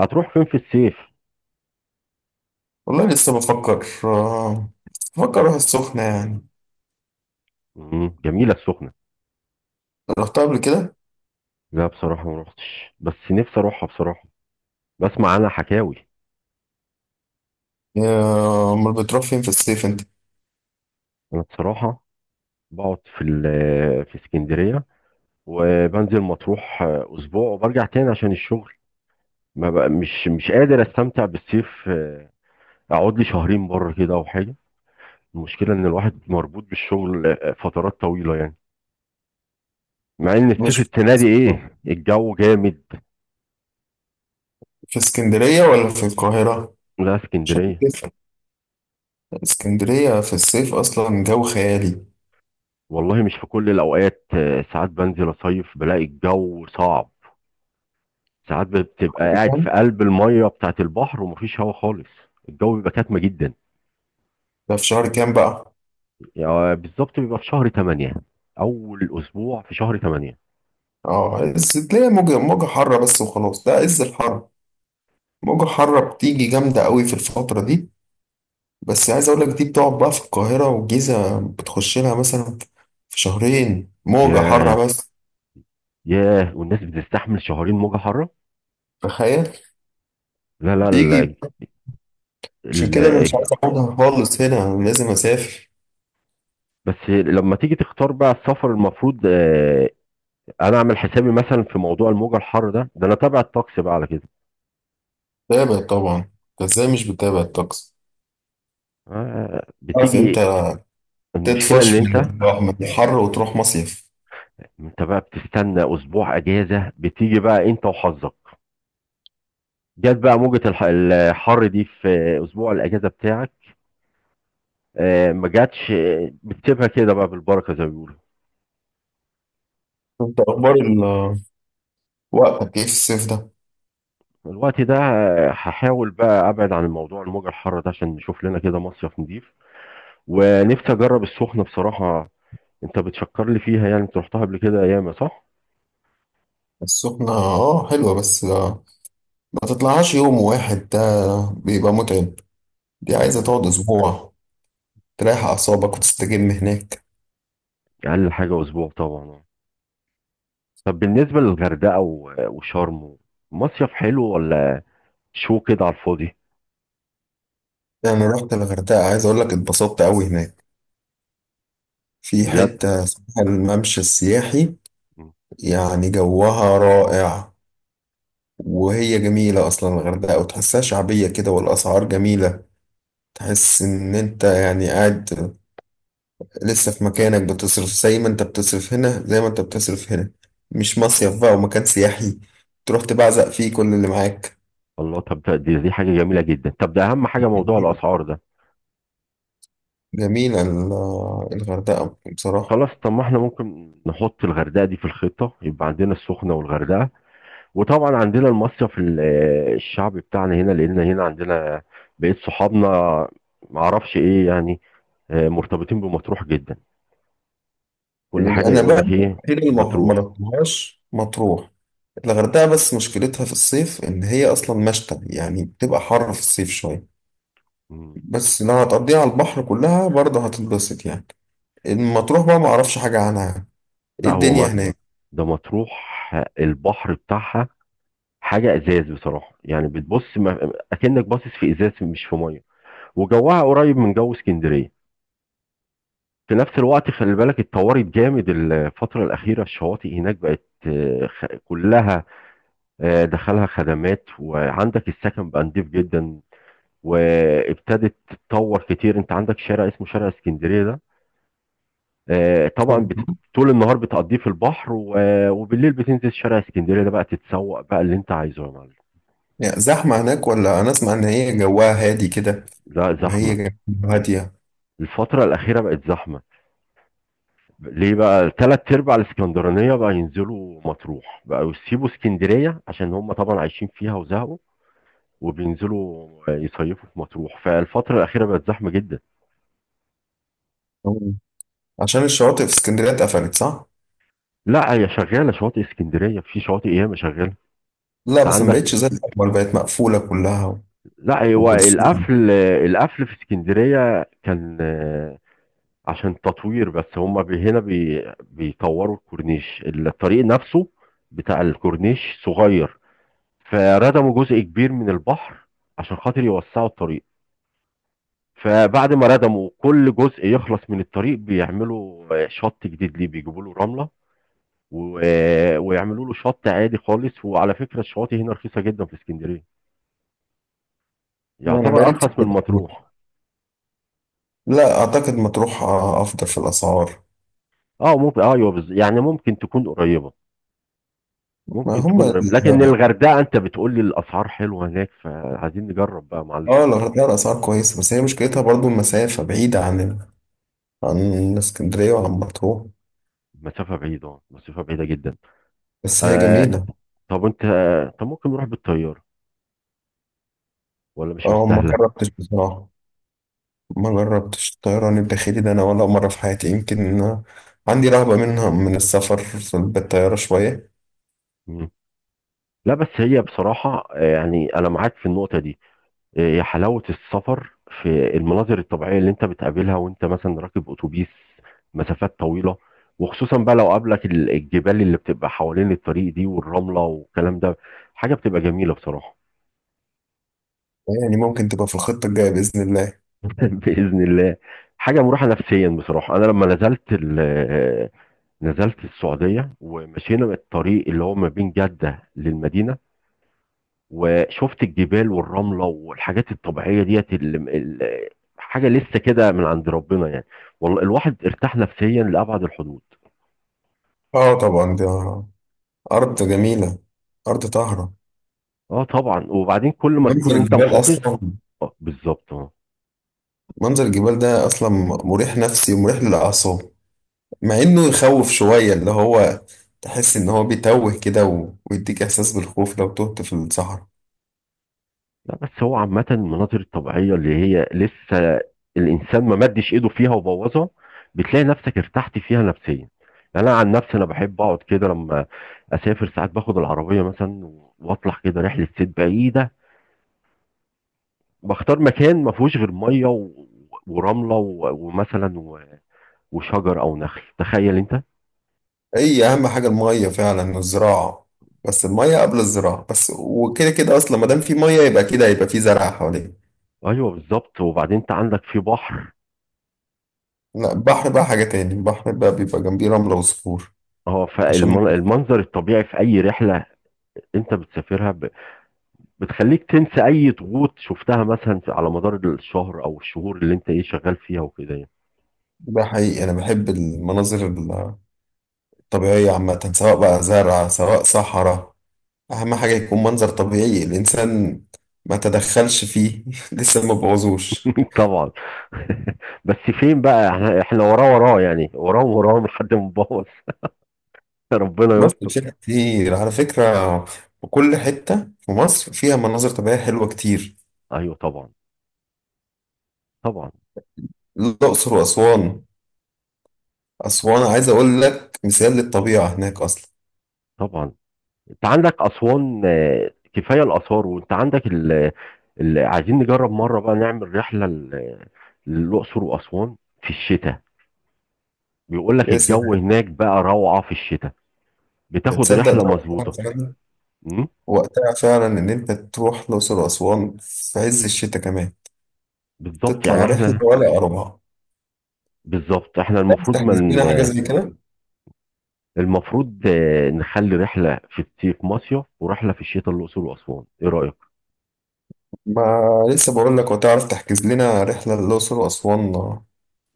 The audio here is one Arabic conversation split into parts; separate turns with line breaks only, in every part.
هتروح فين في الصيف؟
والله لسه بفكر اروح السخنة يعني.
مم. جميله السخنه.
رحتها قبل كده.
لا، بصراحه ما روحتش، بس نفسي اروحها بصراحه. بسمع عنها حكاوي.
امال بتروح فين في الصيف انت؟
انا بصراحه، بقعد في اسكندريه. وبنزل مطروح، اسبوع وبرجع تاني عشان الشغل. ما بقى مش قادر استمتع بالصيف، اقعد لي شهرين بره كده او حاجه. المشكله ان الواحد مربوط بالشغل، فترات طويله يعني. مع ان الصيف
مش
السنه دي ايه الجو جامد.
في اسكندرية ولا في القاهرة،
لا،
عشان
اسكندريه.
تفرق؟ اسكندرية في الصيف اصلا جو خيالي.
والله مش في كل الأوقات، ساعات بنزل أصيف بلاقي الجو صعب. ساعات بتبقى قاعد في
فاهم؟
قلب المية بتاعة البحر ومفيش هوا خالص. الجو بيبقى كاتمة جدا.
ده في شهر كام بقى؟
يعني بالظبط بيبقى في شهر 8، أول أسبوع في شهر 8.
اه، تلاقي موجة حارة بس وخلاص، ده عز الحر. موجة حارة بتيجي جامدة قوي في الفترة دي. بس عايز اقول لك دي بتقعد بقى في القاهرة والجيزة، بتخش لها مثلا في شهرين موجة حارة
ياه.
بس.
ياه، والناس بتستحمل شهرين موجة حارة؟
تخيل.
لا، لا.
يجي. عشان
ال...
كده انا مش عارف اخدها خالص هنا، انا لازم اسافر.
بس لما تيجي تختار بقى السفر المفروض، أنا أعمل حسابي مثلا في موضوع الموجة الحارة ده أنا تابع الطقس بقى على كده.
بتابع طبعا. انت ازاي مش بتابع الطقس؟ عارف
بتيجي.
امتى
المشكلة إن
تطفش من
أنت،
من الحر وتروح مصيف.
انت بقى بتستنى اسبوع اجازه بتيجي بقى انت وحظك. جت بقى موجه الحر دي في اسبوع الاجازه بتاعك. ما جاتش، بتسيبها كده بقى بالبركه زي ما بيقولوا.
انت اخبار وقتك ايه في الصيف ده؟
الوقت ده، هحاول بقى ابعد عن الموضوع الموجه الحاره ده عشان نشوف لنا كده مصيف نضيف. ونفسي اجرب السخنه بصراحه. انت بتشكر لي فيها، يعني انت رحتها قبل كده ياما، صح؟
السخنة اه حلوة بس ما تطلعهاش يوم واحد، ده بيبقى متعب. دي عايزة
يبقى م-
تقعد اسبوع، تريح اعصابك وتستجم هناك.
اقل حاجه اسبوع طبعا. طب بالنسبه للغردقه وشرم، مصيف حلو ولا شو كده على الفاضي؟
يعني رحت الغردقة، عايز اقول لك اتبسطت قوي هناك. في
بجد؟
حتة اسمها الممشى السياحي.
مم.
يعني جوها رائع. وهي جميلة أصلا الغردقة، وتحسها شعبية كده والأسعار جميلة. تحس إن أنت يعني قاعد لسه في مكانك، بتصرف زي ما أنت بتصرف هنا زي ما أنت بتصرف هنا. مش مصيف بقى ومكان سياحي تروح تبعزق فيه كل اللي معاك.
الله، طب دي حاجة جميلة جدا، طب ده أهم حاجة موضوع
جميلة،
الأسعار ده.
جميلة الغردقة بصراحة.
خلاص، طب ما احنا ممكن نحط الغردقة دي في الخطة، يبقى عندنا السخنة والغردقة. وطبعا عندنا المصيف الشعب بتاعنا هنا، لأن هنا عندنا بقيت صحابنا، معرفش ايه يعني. مرتبطين بمطروح جدا، كل حاجة
أنا بقى
يقول لك ايه.
الوحيدة اللي ما
مطروح.
رحتهاش مطروح. الغردقة بس مشكلتها في الصيف إن هي أصلا مشتى، يعني بتبقى حر في الصيف شوية.
مم.
بس لو هتقضيها على البحر كلها برضه هتتبسط يعني. المطروح بقى ما اعرفش حاجة عنها يعني. ايه
لا، هو
الدنيا
ما...
هناك؟
ده مطروح، البحر بتاعها حاجة ازاز بصراحة، يعني بتبص، اكنك باصص في ازاز مش في مية. وجوها قريب من جو اسكندريه. في نفس الوقت خلي بالك اتطورت جامد الفترة الأخيرة، الشواطئ هناك بقت كلها، دخلها خدمات، وعندك السكن بقى نضيف جدا. وابتدت تتطور كتير، انت عندك شارع اسمه شارع اسكندرية ده، طبعا طول النهار بتقضيه في البحر وبالليل بتنزل شارع اسكندرية ده بقى تتسوق بقى اللي انت عايزه يا معلم.
يعني زحمة هناك، ولا انا اسمع ان هي جواها هادي كده؟
لا،
وهي
زحمة.
جواها هادية؟
الفترة الأخيرة بقت زحمة، ليه بقى تلات ارباع الاسكندرانيه بقى ينزلوا مطروح، بقى يسيبوا اسكندريه عشان هم طبعا عايشين فيها وزهقوا، وبينزلوا يصيفوا في مطروح، فالفتره الاخيره بقت زحمه جدا.
عشان الشواطئ في اسكندرية اتقفلت، صح؟
لا، هي شغاله، شواطئ اسكندريه في شواطئ ياما شغاله.
لا
انت
بس ما بقتش
عندك،
زي الاول، بقت مقفولة كلها.
لا، هو
وبورسعيد.
القفل في اسكندريه كان، عشان تطوير، بس هم هنا بيطوروا الكورنيش الطريق نفسه بتاع الكورنيش صغير، فردموا جزء كبير من البحر عشان خاطر يوسعوا الطريق. فبعد ما ردموا كل جزء يخلص من الطريق بيعملوا شط جديد ليه، بيجيبوا له رملة ويعملوا له شط عادي خالص. وعلى فكرة الشواطئ هنا رخيصة جدا في اسكندرية،
انا
يعتبر
بقالي كتير
أرخص من
ما رحتش.
مطروح.
لا اعتقد مطروح افضل في الاسعار.
اه ممكن، ايوه، يعني ممكن تكون قريبة،
ما
ممكن
هم
تكون
ال-
قريبة، لكن الغردقة انت بتقول لي الأسعار حلوة هناك، فعايزين نجرب بقى يا معلم.
اه الغردقة الاسعار كويسة، بس هي مشكلتها برضو المسافة بعيدة عن عن اسكندرية وعن مطروح.
مسافة بعيدة، مسافة بعيدة جدا.
بس هي
آه،
جميلة.
طب انت، طب ممكن نروح بالطيارة ولا مش
اه ما
مستاهله؟
جربتش بصراحة. ما جربتش الطيران الداخلي ده انا ولا مرة في حياتي، يمكن عندي رهبة منها من السفر بالطيارة شوية.
مم. لا، بس هي بصراحه، يعني انا معاك في النقطه دي. هي حلاوه السفر في المناظر الطبيعيه اللي انت بتقابلها وانت مثلا راكب اتوبيس مسافات طويله، وخصوصا بقى لو قابلك الجبال اللي بتبقى حوالين الطريق دي والرمله والكلام ده، حاجه بتبقى جميله بصراحه.
يعني ممكن تبقى في الخطة الجاية بإذن الله.
باذن الله. حاجه مروحه نفسيا بصراحه، انا لما نزلت نزلت السعوديه ومشينا الطريق اللي هو ما بين جده للمدينه، وشفت الجبال والرملة والحاجات الطبيعية ديت حاجة لسه كده من عند ربنا يعني، والله الواحد ارتاح نفسيا لأبعد الحدود.
اه طبعا، دي أرض جميلة، أرض طاهرة.
اه طبعا، وبعدين كل ما تكون
منظر
انت
الجبال
محافظ.
أصلا،
اه بالظبط، اه.
منظر الجبال ده أصلا مريح نفسي ومريح للأعصاب. مع إنه يخوف شوية، اللي هو تحس إن هو بيتوه كده ويديك إحساس بالخوف لو تهت في الصحراء.
لا، بس هو عامة المناظر الطبيعية اللي هي لسه الإنسان ما مدش إيده فيها وبوظها، بتلاقي نفسك ارتحت فيها نفسيا. يعني أنا عن نفسي أنا بحب أقعد كده لما أسافر، ساعات باخد العربية مثلا وأطلع كده رحلة صيد بعيدة. بختار مكان ما فيهوش غير ميه ورمله، ومثلا وشجر او نخل، تخيل انت.
هي اهم حاجه الميه فعلا والزراعه. بس الميه قبل الزراعه بس، وكده كده اصلا ما دام في ميه يبقى كده هيبقى في زرع حواليه.
ايوه بالظبط، وبعدين انت عندك في بحر.
لا البحر بقى حاجه تاني، البحر بقى بيبقى جنبيه رمله وصخور.
اه،
عشان
فالمنظر الطبيعي في اي رحله انت بتسافرها بتخليك تنسى اي ضغوط شفتها مثلا على مدار الشهر او الشهور اللي انت ايه شغال فيها وكده يعني.
ده حقيقي، انا بحب المناظر الطبيعيه عامه، سواء بقى زرع سواء صحراء. اهم حاجه يكون منظر طبيعي الانسان ما تدخلش فيه لسه ما بوظوش.
طبعا. بس فين بقى، احنا وراه وراه، يعني وراهم وراهم لحد ما نبوظ. ربنا
مصر
يستر.
فيها كتير على فكره، وكل حته في مصر فيها مناظر طبيعيه حلوه كتير.
ايوه طبعا. طبعا.
الأقصر وأسوان، أسوان عايز أقول لك مثال للطبيعة هناك أصلا.
طبعا. انت عندك اسوان، كفايه الاثار، وانت عندك عايزين نجرب مره بقى نعمل رحله للاقصر واسوان في الشتاء، بيقول لك
يا
الجو
سلام.
هناك بقى روعه في الشتاء، بتاخد
تصدق ده؟
رحله
وقتها
مظبوطه.
فعلا
امم.
وقتها فعلا إن أنت تروح الأقصر وأسوان في عز الشتاء كمان.
بالظبط يعني
تطلع رحلة
احنا،
ولا أربعة.
بالظبط احنا المفروض
تحجز
من،
لنا حاجة زي كده.
المفروض نخلي رحله في الصيف مصيف ورحله في الشتاء الاقصر واسوان، ايه رايك؟
ما لسه بقول لك، وتعرف تحجز لنا رحلة للأقصر وأسوان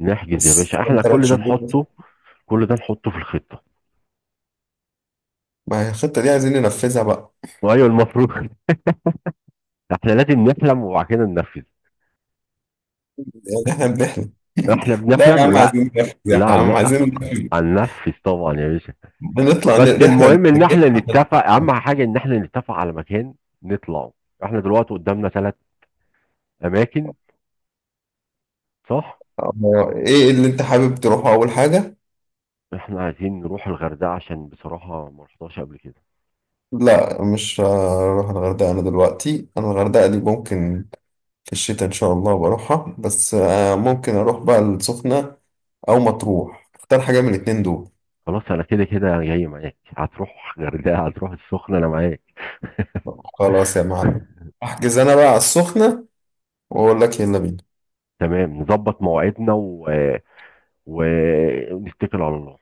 نحجز يا
بس
باشا،
كمان
احنا
تلات
كل ده
شهور بس.
نحطه، كل ده نحطه في الخطه.
ما هي الخطة دي عايزين ننفذها بقى.
وايوه المفروض. احنا لازم نحلم وبعد كده ننفذ.
يعني إحنا بنحلم
احنا
لا يا
بنحلم،
عم عايزين
لا،
ننفذ، يا
لا.
عم عايزين ننفذ.
هننفذ طبعا يا باشا.
بنطلع
بس
رحلة،
المهم ان
نتجمع
احنا نتفق، اهم حاجه ان احنا نتفق على مكان نطلعه. احنا دلوقتي قدامنا ثلاث اماكن، صح؟
ايه اللي انت حابب تروحه اول حاجة؟
احنا عايزين نروح الغردقه عشان بصراحه ما رحتهاش قبل كده.
لا مش هروح الغردقة انا دلوقتي، انا الغردقة دي ممكن في الشتاء ان شاء الله بروحها، بس ممكن اروح بقى السخنة او مطروح، اختار حاجة من الاتنين دول.
خلاص، انا كده كده جاي معاك، هتروح غردقه هتروح السخنه انا معاك.
خلاص يا معلم، احجز انا بقى على السخنة واقول لك يلا بينا.
تمام، نظبط مواعيدنا ونتكل على الله.